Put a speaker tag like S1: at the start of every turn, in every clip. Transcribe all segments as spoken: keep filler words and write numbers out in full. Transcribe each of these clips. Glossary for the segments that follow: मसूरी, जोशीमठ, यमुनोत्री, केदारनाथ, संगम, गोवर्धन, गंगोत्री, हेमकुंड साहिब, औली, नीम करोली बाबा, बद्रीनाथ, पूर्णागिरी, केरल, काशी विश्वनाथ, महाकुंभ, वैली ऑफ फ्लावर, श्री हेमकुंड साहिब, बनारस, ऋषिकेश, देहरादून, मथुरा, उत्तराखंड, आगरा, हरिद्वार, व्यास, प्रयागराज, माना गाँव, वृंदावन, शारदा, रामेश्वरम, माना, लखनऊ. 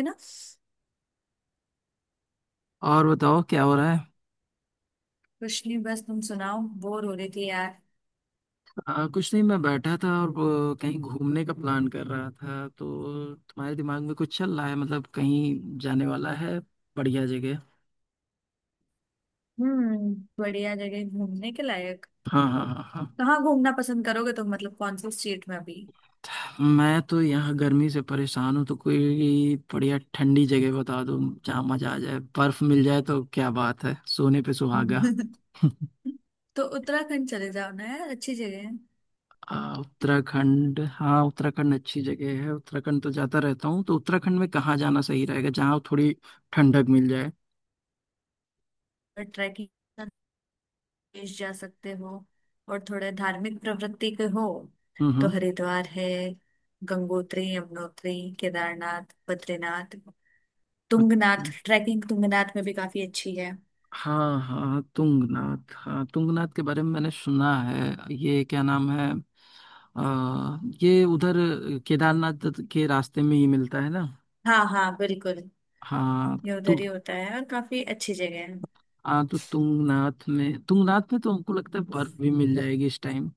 S1: है ना।
S2: और बताओ क्या हो रहा है।
S1: कुछ नहीं, बस तुम सुनाओ। बोर हो रही थी यार।
S2: आ, कुछ नहीं, मैं बैठा था और वो कहीं घूमने का प्लान कर रहा था। तो तुम्हारे दिमाग में कुछ चल रहा है, मतलब कहीं जाने वाला है बढ़िया जगह।
S1: हम्म, बढ़िया जगह घूमने के लायक।
S2: हाँ हाँ हाँ हाँ।
S1: कहाँ घूमना पसंद करोगे तुम, मतलब कौन से स्टेट में अभी?
S2: मैं तो यहाँ गर्मी से परेशान हूँ तो कोई बढ़िया ठंडी जगह बता दो। जहाँ मजा आ जाए, बर्फ मिल जाए तो क्या बात है, सोने पे सुहागा।
S1: तो उत्तराखंड चले जाओ ना यार, अच्छी जगह है।
S2: आ, उत्तराखंड, हाँ। उत्तराखंड अच्छी जगह है। उत्तराखंड तो जाता रहता हूँ। तो उत्तराखंड में कहाँ जाना सही रहेगा, जहाँ थोड़ी ठंडक मिल जाए।
S1: और ट्रैकिंग देश जा सकते हो। और थोड़े धार्मिक प्रवृत्ति के हो
S2: हम्म
S1: तो
S2: हम्म।
S1: हरिद्वार है, गंगोत्री यमुनोत्री, केदारनाथ बद्रीनाथ, तुंगनाथ।
S2: अच्छा।
S1: ट्रैकिंग तुंगनाथ में भी काफी अच्छी है।
S2: हाँ हाँ तुंगनाथ, हाँ तुंगनाथ के बारे में मैंने सुना है। ये क्या नाम है? आ, ये उधर केदारनाथ के रास्ते में ही मिलता है ना?
S1: हाँ हाँ बिल्कुल,
S2: हाँ
S1: ये
S2: तो।
S1: उधर ही होता है और काफी अच्छी जगह है।
S2: हाँ तो तुंगनाथ में, तुंगनाथ में तो हमको लगता है बर्फ भी मिल जाएगी इस टाइम।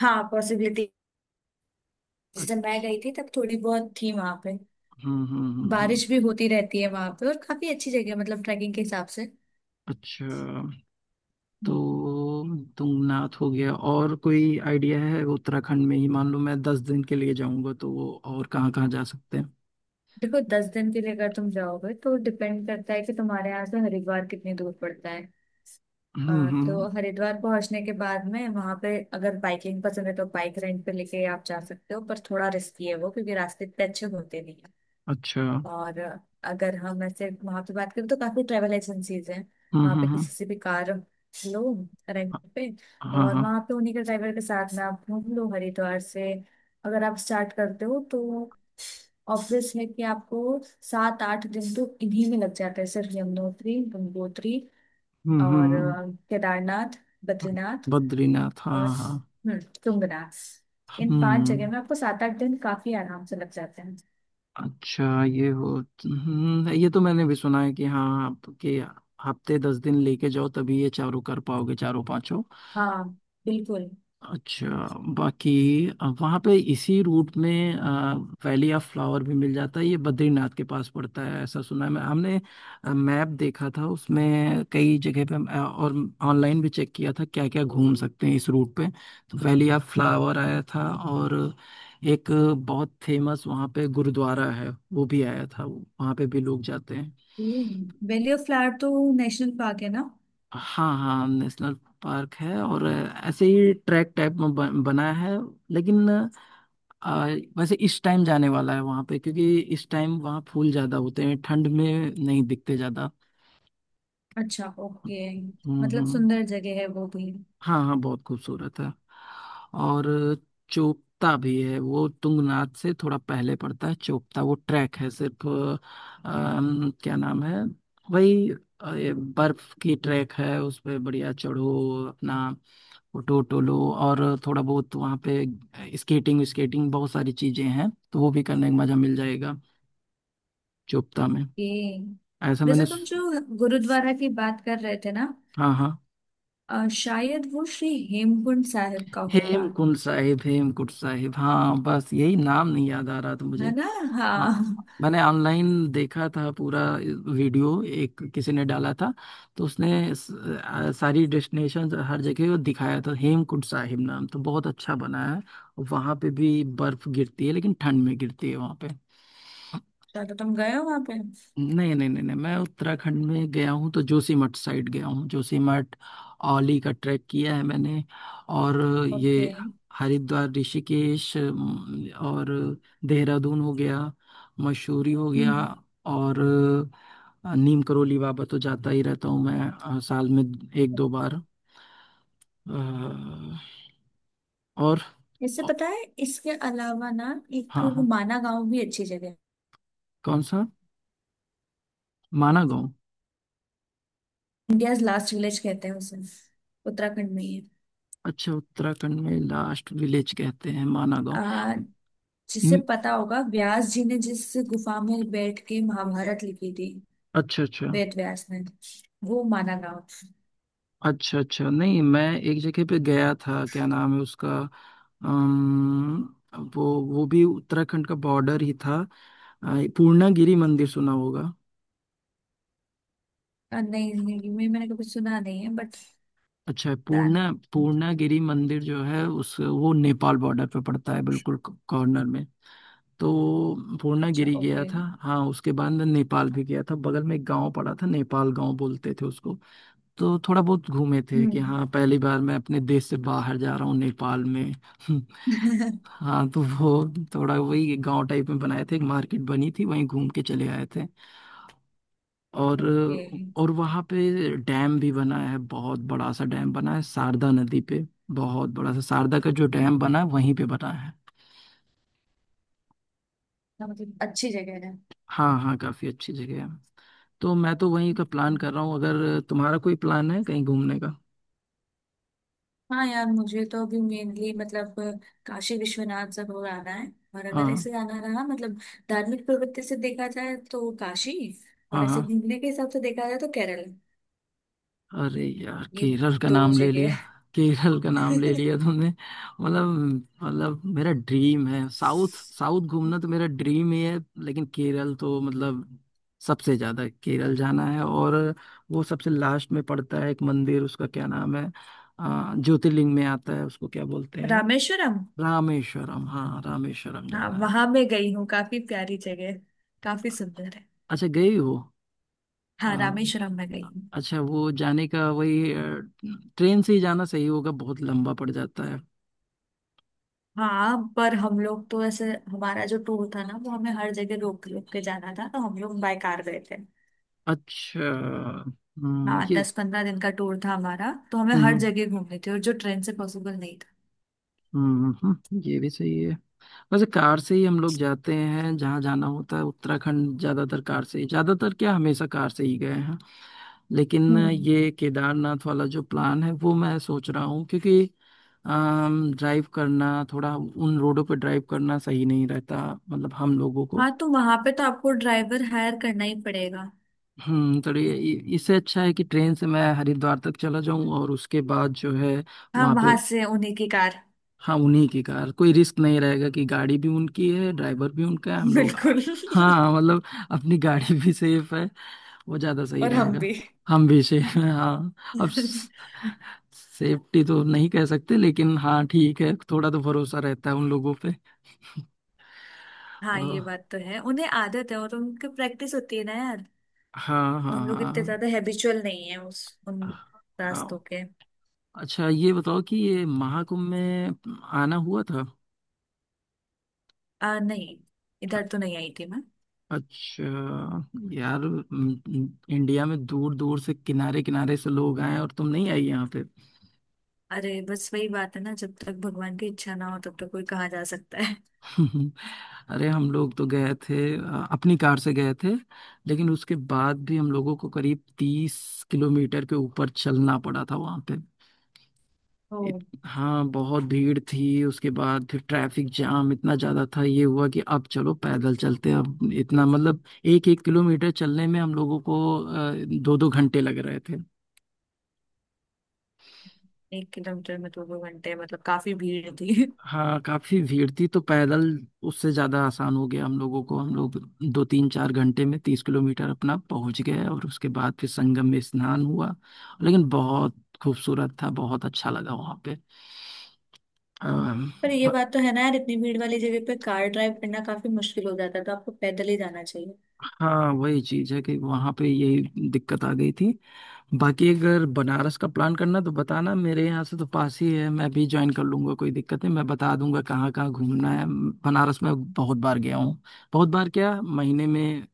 S1: हाँ, पॉसिबिलिटी। जैसे मैं
S2: अच्छा।
S1: गई थी तब थोड़ी बहुत थी वहां पे।
S2: हम्म हम्म हम्म हम्म।
S1: बारिश भी होती रहती है वहां पे, और काफी अच्छी जगह है मतलब ट्रैकिंग के हिसाब से।
S2: अच्छा।
S1: हम्म।
S2: तो तुंगनाथ हो गया, और कोई आइडिया है उत्तराखंड में ही? मान लो मैं दस दिन के लिए जाऊंगा तो वो और कहाँ कहाँ जा सकते हैं।
S1: देखो, दस दिन के लिए अगर तुम जाओगे तो डिपेंड करता है कि तुम्हारे यहाँ से हरिद्वार कितनी दूर पड़ता है। अ,
S2: हम्म
S1: तो
S2: हम्म।
S1: हरिद्वार पहुंचने के बाद में वहां पे अगर बाइकिंग पसंद है तो बाइक रेंट पे लेके आप जा सकते हो, पर थोड़ा रिस्की है वो, क्योंकि रास्ते इतने अच्छे होते नहीं।
S2: अच्छा।
S1: और अगर हम ऐसे वहां पे बात करें तो काफी ट्रेवल एजेंसीज हैं।
S2: हाँ
S1: वहां
S2: हाँ
S1: पे
S2: हाँ
S1: किसी से भी कार लो रेंट पे,
S2: हाँ
S1: और
S2: हाँ।
S1: वहां पे उन्हीं के ड्राइवर के साथ में आप घूम लो। हरिद्वार से अगर आप स्टार्ट करते हो तो ऑब्वियस है कि आपको सात आठ दिन तो इन्हीं में लग जाता है, सिर्फ यमुनोत्री गंगोत्री
S2: हम्म
S1: और
S2: हम्म,
S1: अ, केदारनाथ
S2: हम्म।
S1: बद्रीनाथ
S2: बद्रीनाथ, हाँ
S1: और
S2: हाँ।
S1: हम्म तुंगनाथ। इन पांच जगह
S2: हम्म।
S1: में आपको सात आठ दिन काफी आराम से लग जाते हैं।
S2: अच्छा ये हो। हम्म, ये तो मैंने भी सुना है कि हाँ आपके हफ्ते दस दिन लेके जाओ तभी ये चारों कर पाओगे, चारों पांचों।
S1: हाँ बिल्कुल।
S2: अच्छा। बाकी वहां पे इसी रूट में अ, वैली ऑफ फ्लावर भी मिल जाता है, ये बद्रीनाथ के पास पड़ता है ऐसा सुना है। मैं हमने मैप देखा था उसमें कई जगह पे, अ, और ऑनलाइन भी चेक किया था क्या क्या घूम सकते हैं इस रूट पे। तो वैली ऑफ फ्लावर आया था, और एक बहुत फेमस वहाँ पे गुरुद्वारा है, वो भी आया था, वहाँ पे भी लोग जाते हैं।
S1: वैली ऑफ फ्लावर तो नेशनल पार्क है ना।
S2: हाँ हाँ नेशनल पार्क है, और ऐसे ही ट्रैक टाइप में बन, बना है। लेकिन आ, वैसे इस टाइम जाने वाला है वहां पे, क्योंकि इस टाइम वहां फूल ज्यादा होते हैं, ठंड में नहीं दिखते ज्यादा।
S1: अच्छा ओके,
S2: हम्म
S1: मतलब
S2: हम्म।
S1: सुंदर जगह है वो भी।
S2: हाँ हाँ बहुत खूबसूरत है। और चोपता भी है, वो तुंगनाथ से थोड़ा पहले पड़ता है, चोपता। वो ट्रैक है सिर्फ, अम, क्या नाम है वही, अ, ये बर्फ की ट्रैक है, उस पे बढ़िया चढ़ो, अपना फोटो वोटो लो। और थोड़ा बहुत वहाँ पे स्केटिंग स्केटिंग बहुत सारी चीजें हैं तो वो भी करने का मजा मिल जाएगा चुपता में।
S1: ओके।
S2: ऐसा
S1: वैसे
S2: मैंने
S1: तुम
S2: सु-
S1: जो गुरुद्वारा की बात कर रहे थे ना,
S2: हाँ हाँ
S1: अ, शायद वो श्री हेमकुंड साहिब का होगा।
S2: हेमकुंड साहिब, हेमकुंड साहिब, हाँ बस यही नाम नहीं याद आ रहा था
S1: है
S2: मुझे।
S1: ना।
S2: हाँ
S1: हाँ।
S2: मैंने ऑनलाइन देखा था पूरा वीडियो, एक किसी ने डाला था। तो उसने स- आ, सारी डेस्टिनेशन हर जगह वो दिखाया था। हेमकुंड साहिब नाम तो बहुत अच्छा बना है। वहां पे भी बर्फ गिरती है लेकिन ठंड में गिरती है वहां पे।
S1: शायद तुम गए हो वहां पे।
S2: नहीं नहीं नहीं नहीं, मैं उत्तराखंड में गया हूँ तो जोशीमठ साइड गया हूँ, जोशीमठ। औली का ट्रैक किया है मैंने। और ये
S1: ओके।
S2: हरिद्वार, ऋषिकेश, अम, और देहरादून हो गया, मसूरी हो गया।
S1: हम्म
S2: और अ, नीम करोली बाबा तो जाता ही रहता हूँ मैं, अ, साल में एक दो बार। अ, और
S1: इससे
S2: अ,
S1: पता है इसके अलावा ना एक
S2: हाँ हाँ।
S1: माना गांव भी अच्छी जगह है।
S2: कौन सा, माना गाँव?
S1: इंडियाज लास्ट विलेज कहते हैं उसे, उत्तराखंड में ही
S2: अच्छा उत्तराखंड में लास्ट विलेज कहते हैं माना गाँव।
S1: है। जिससे
S2: हम्म,
S1: पता होगा, व्यास जी ने जिस गुफा में बैठ के महाभारत लिखी थी,
S2: अच्छा अच्छा।
S1: वेद व्यास ने, वो माना ना हो।
S2: अच्छा अच्छा, नहीं मैं एक जगह पे गया था, क्या नाम है उसका, अम, वो वो भी उत्तराखंड का बॉर्डर ही था। अ, पूर्णागिरी मंदिर सुना होगा।
S1: अ, नहीं नहीं, मैं मैंने कभी सुना नहीं है बट,
S2: अच्छा
S1: पता नहीं।
S2: पूर्णा पूर्णागिरी मंदिर जो है, उस वो नेपाल बॉर्डर पे पड़ता है, बिल्कुल कॉर्नर में। तो
S1: अच्छा
S2: पूर्णागिरी गया
S1: ओके।
S2: था हाँ, उसके बाद मैं नेपाल भी गया था, बगल में एक गांव पड़ा था, नेपाल गांव बोलते थे उसको। तो थोड़ा बहुत घूमे थे कि
S1: हम्म।
S2: हाँ पहली बार मैं अपने देश से बाहर जा रहा हूँ नेपाल में। हाँ तो वो थोड़ा वही गांव टाइप में बनाए थे, एक मार्केट बनी थी, वहीं घूम के चले आए थे। और
S1: ये
S2: और वहाँ पे डैम भी बना है, बहुत बड़ा सा डैम बना है शारदा नदी पे। बहुत बड़ा सा शारदा का जो डैम बना है वहीं पे बना है।
S1: हाँ, मतलब अच्छी जगह है।
S2: हाँ हाँ काफी अच्छी जगह है। तो मैं तो वहीं का प्लान
S1: हम्म।
S2: कर रहा हूँ, अगर तुम्हारा कोई प्लान है कहीं घूमने का।
S1: हाँ यार, मुझे तो अभी मेनली मतलब काशी विश्वनाथ सब हो आना है। और अगर
S2: हाँ
S1: ऐसे आना रहा, मतलब धार्मिक प्रवृत्ति से देखा जाए तो काशी,
S2: हाँ
S1: और ऐसे
S2: हाँ।
S1: घूमने के हिसाब से देखा जाए तो केरल।
S2: अरे यार
S1: ये
S2: केरल का
S1: दो
S2: नाम ले लिया।
S1: जगह।
S2: केरल का नाम ले लिया तुमने। मतलब मतलब मेरा ड्रीम है, साउथ साउथ घूमना तो मेरा ड्रीम ही है। लेकिन केरल तो मतलब सबसे ज्यादा केरल जाना है। और वो सबसे लास्ट में पड़ता है, एक मंदिर उसका क्या नाम है, अ, ज्योतिर्लिंग में आता है, उसको क्या बोलते हैं?
S1: रामेश्वरम।
S2: रामेश्वरम, हाँ रामेश्वरम
S1: हाँ
S2: जाना है।
S1: वहां मैं गई हूँ, काफी प्यारी जगह है, काफी सुंदर है।
S2: अच्छा गई हो? अ,
S1: हाँ रामेश्वरम में गई हूँ।
S2: अच्छा वो जाने का वही, अ, ट्रेन से ही जाना सही होगा, बहुत लंबा पड़ जाता है।
S1: हाँ, पर हम लोग तो ऐसे, हमारा जो टूर था ना वो हमें हर जगह रोक रोक के जाना था, तो हम लोग बाय कार गए थे।
S2: अच्छा। हम्म,
S1: हाँ,
S2: ये।
S1: दस पंद्रह दिन का टूर था हमारा, तो हमें हर
S2: हम्म
S1: जगह घूमने थे और जो ट्रेन से पॉसिबल नहीं था।
S2: हम्म हम्म, ये भी सही है। वैसे कार से ही हम लोग जाते हैं जहाँ जाना होता है, उत्तराखंड ज्यादातर कार से ही, ज्यादातर क्या, हमेशा कार से ही गए हैं। लेकिन
S1: हम्म।
S2: ये केदारनाथ वाला जो प्लान है वो मैं सोच रहा हूँ, क्योंकि ड्राइव करना थोड़ा, उन रोडों पर ड्राइव करना सही नहीं रहता, मतलब हम लोगों को।
S1: हाँ तो वहां पे तो आपको ड्राइवर हायर करना ही पड़ेगा।
S2: हम्म, तो ये ये- इससे अच्छा है कि ट्रेन से मैं हरिद्वार तक चला जाऊं और उसके बाद जो है,
S1: हाँ,
S2: वहां पे।
S1: वहां से उन्हीं की कार।
S2: हाँ उन्हीं की कार, कोई रिस्क नहीं रहेगा कि गाड़ी भी उनकी है, ड्राइवर भी उनका है, हम लोग आ-
S1: बिल्कुल।
S2: हाँ मतलब अपनी गाड़ी भी सेफ है, वो ज्यादा सही
S1: और हम
S2: रहेगा।
S1: भी।
S2: हम भी सेफ हैं हाँ। अब सेफ्टी तो नहीं कह सकते लेकिन हाँ ठीक है, थोड़ा तो भरोसा रहता है उन लोगों पे।
S1: हाँ
S2: अ,
S1: ये बात तो है, उन्हें आदत है और उनकी प्रैक्टिस होती है ना यार।
S2: हाँ हाँ
S1: हम लोग इतने
S2: हाँ
S1: ज्यादा हैबिचुअल नहीं है उस, उन रास्तों
S2: हाँ।
S1: के।
S2: अच्छा ये बताओ कि ये महाकुंभ में आना हुआ था?
S1: आ नहीं, इधर तो नहीं आई थी मैं।
S2: अच्छा यार, म- म- इंडिया में दूर दूर से, किनारे किनारे से लोग आए हैं, और तुम नहीं आई यहाँ पे।
S1: अरे बस वही बात है ना, जब तक भगवान की इच्छा ना हो तब तक कोई कहाँ जा सकता है।
S2: अरे हम लोग तो गए थे, अ, अपनी कार से गए थे। लेकिन उसके बाद भी हम लोगों को करीब तीस किलोमीटर के ऊपर चलना पड़ा था वहाँ पे। इत,
S1: ओ।
S2: हाँ बहुत भीड़ थी, उसके बाद फिर ट्रैफिक जाम इतना ज्यादा था, ये हुआ कि अब चलो पैदल चलते हैं। अब इतना मतलब, एक एक किलोमीटर चलने में हम लोगों को दो दो घंटे लग रहे थे।
S1: एक किलोमीटर में तो दो घंटे, मतलब काफी भीड़ थी।
S2: हाँ काफी भीड़ थी तो पैदल उससे ज्यादा आसान हो गया हम लोगों को। हम लोग दो तीन चार घंटे में तीस किलोमीटर अपना पहुंच गए, और उसके बाद फिर संगम में स्नान हुआ। लेकिन बहुत खूबसूरत था, बहुत अच्छा लगा वहां पे। अम,
S1: पर ये
S2: ब-
S1: बात तो है ना यार, इतनी भीड़ वाली जगह पे कार ड्राइव करना काफी मुश्किल हो जाता है, तो आपको पैदल ही जाना चाहिए।
S2: हाँ वही चीज है कि वहां पे यही दिक्कत आ गई थी। बाकी अगर बनारस का प्लान करना तो बताना, मेरे यहाँ से तो पास ही है, मैं भी ज्वाइन कर लूंगा, कोई दिक्कत नहीं। मैं बता दूंगा कहाँ कहाँ घूमना है। बनारस में बहुत बार गया हूँ, बहुत बार क्या, महीने में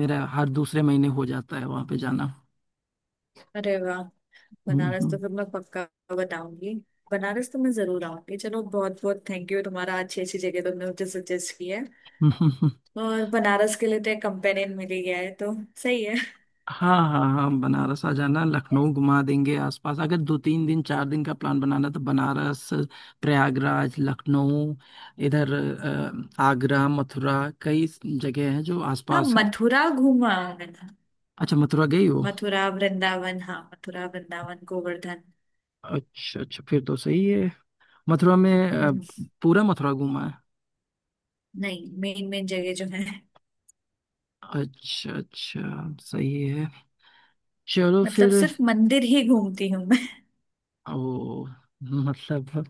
S2: मेरा हर दूसरे महीने हो जाता है वहाँ पे जाना।
S1: अरे वाह,
S2: हम्म,
S1: बनारस तो
S2: हम्म,
S1: फिर मैं पक्का बताऊंगी। बनारस तो मैं जरूर आऊंगी। चलो बहुत बहुत थैंक यू तुम्हारा, अच्छी अच्छी जगह तुमने मुझे सजेस्ट की है।
S2: हम्म, हम्म।
S1: और बनारस के लिए तो एक कंपेनियन मिल ही गया है, तो सही है।
S2: हाँ हाँ हाँ, बनारस आ जाना, लखनऊ घुमा देंगे आसपास। अगर दो तीन दिन चार दिन का प्लान बनाना तो बनारस, प्रयागराज, लखनऊ इधर, अ, आगरा, मथुरा, कई जगह हैं जो
S1: हाँ
S2: आसपास हैं।
S1: मथुरा घूमा हूं मैंने।
S2: अच्छा मथुरा गई हो?
S1: मथुरा वृंदावन हाँ, मथुरा वृंदावन गोवर्धन।
S2: अच्छा अच्छा फिर तो सही है। मथुरा में अ,
S1: हम्म,
S2: पूरा मथुरा घूमा है।
S1: नहीं, मेन मेन जगह जो है।
S2: अच्छा अच्छा सही है, चलो
S1: मतलब
S2: फिर।
S1: सिर्फ मंदिर ही घूमती हूँ मैं।
S2: ओ। मतलब,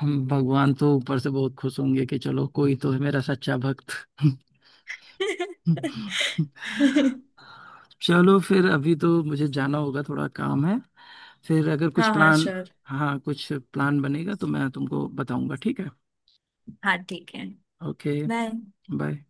S2: हम भगवान तो ऊपर से बहुत खुश होंगे कि चलो कोई तो है मेरा सच्चा भक्त। चलो फिर अभी तो मुझे जाना होगा, थोड़ा काम है। फिर अगर कुछ
S1: हाँ हाँ
S2: प्लान।
S1: श्योर।
S2: हाँ कुछ प्लान बनेगा तो मैं तुमको बताऊंगा, ठीक है?
S1: हाँ ठीक है।
S2: ओके।
S1: बाय।
S2: बाय।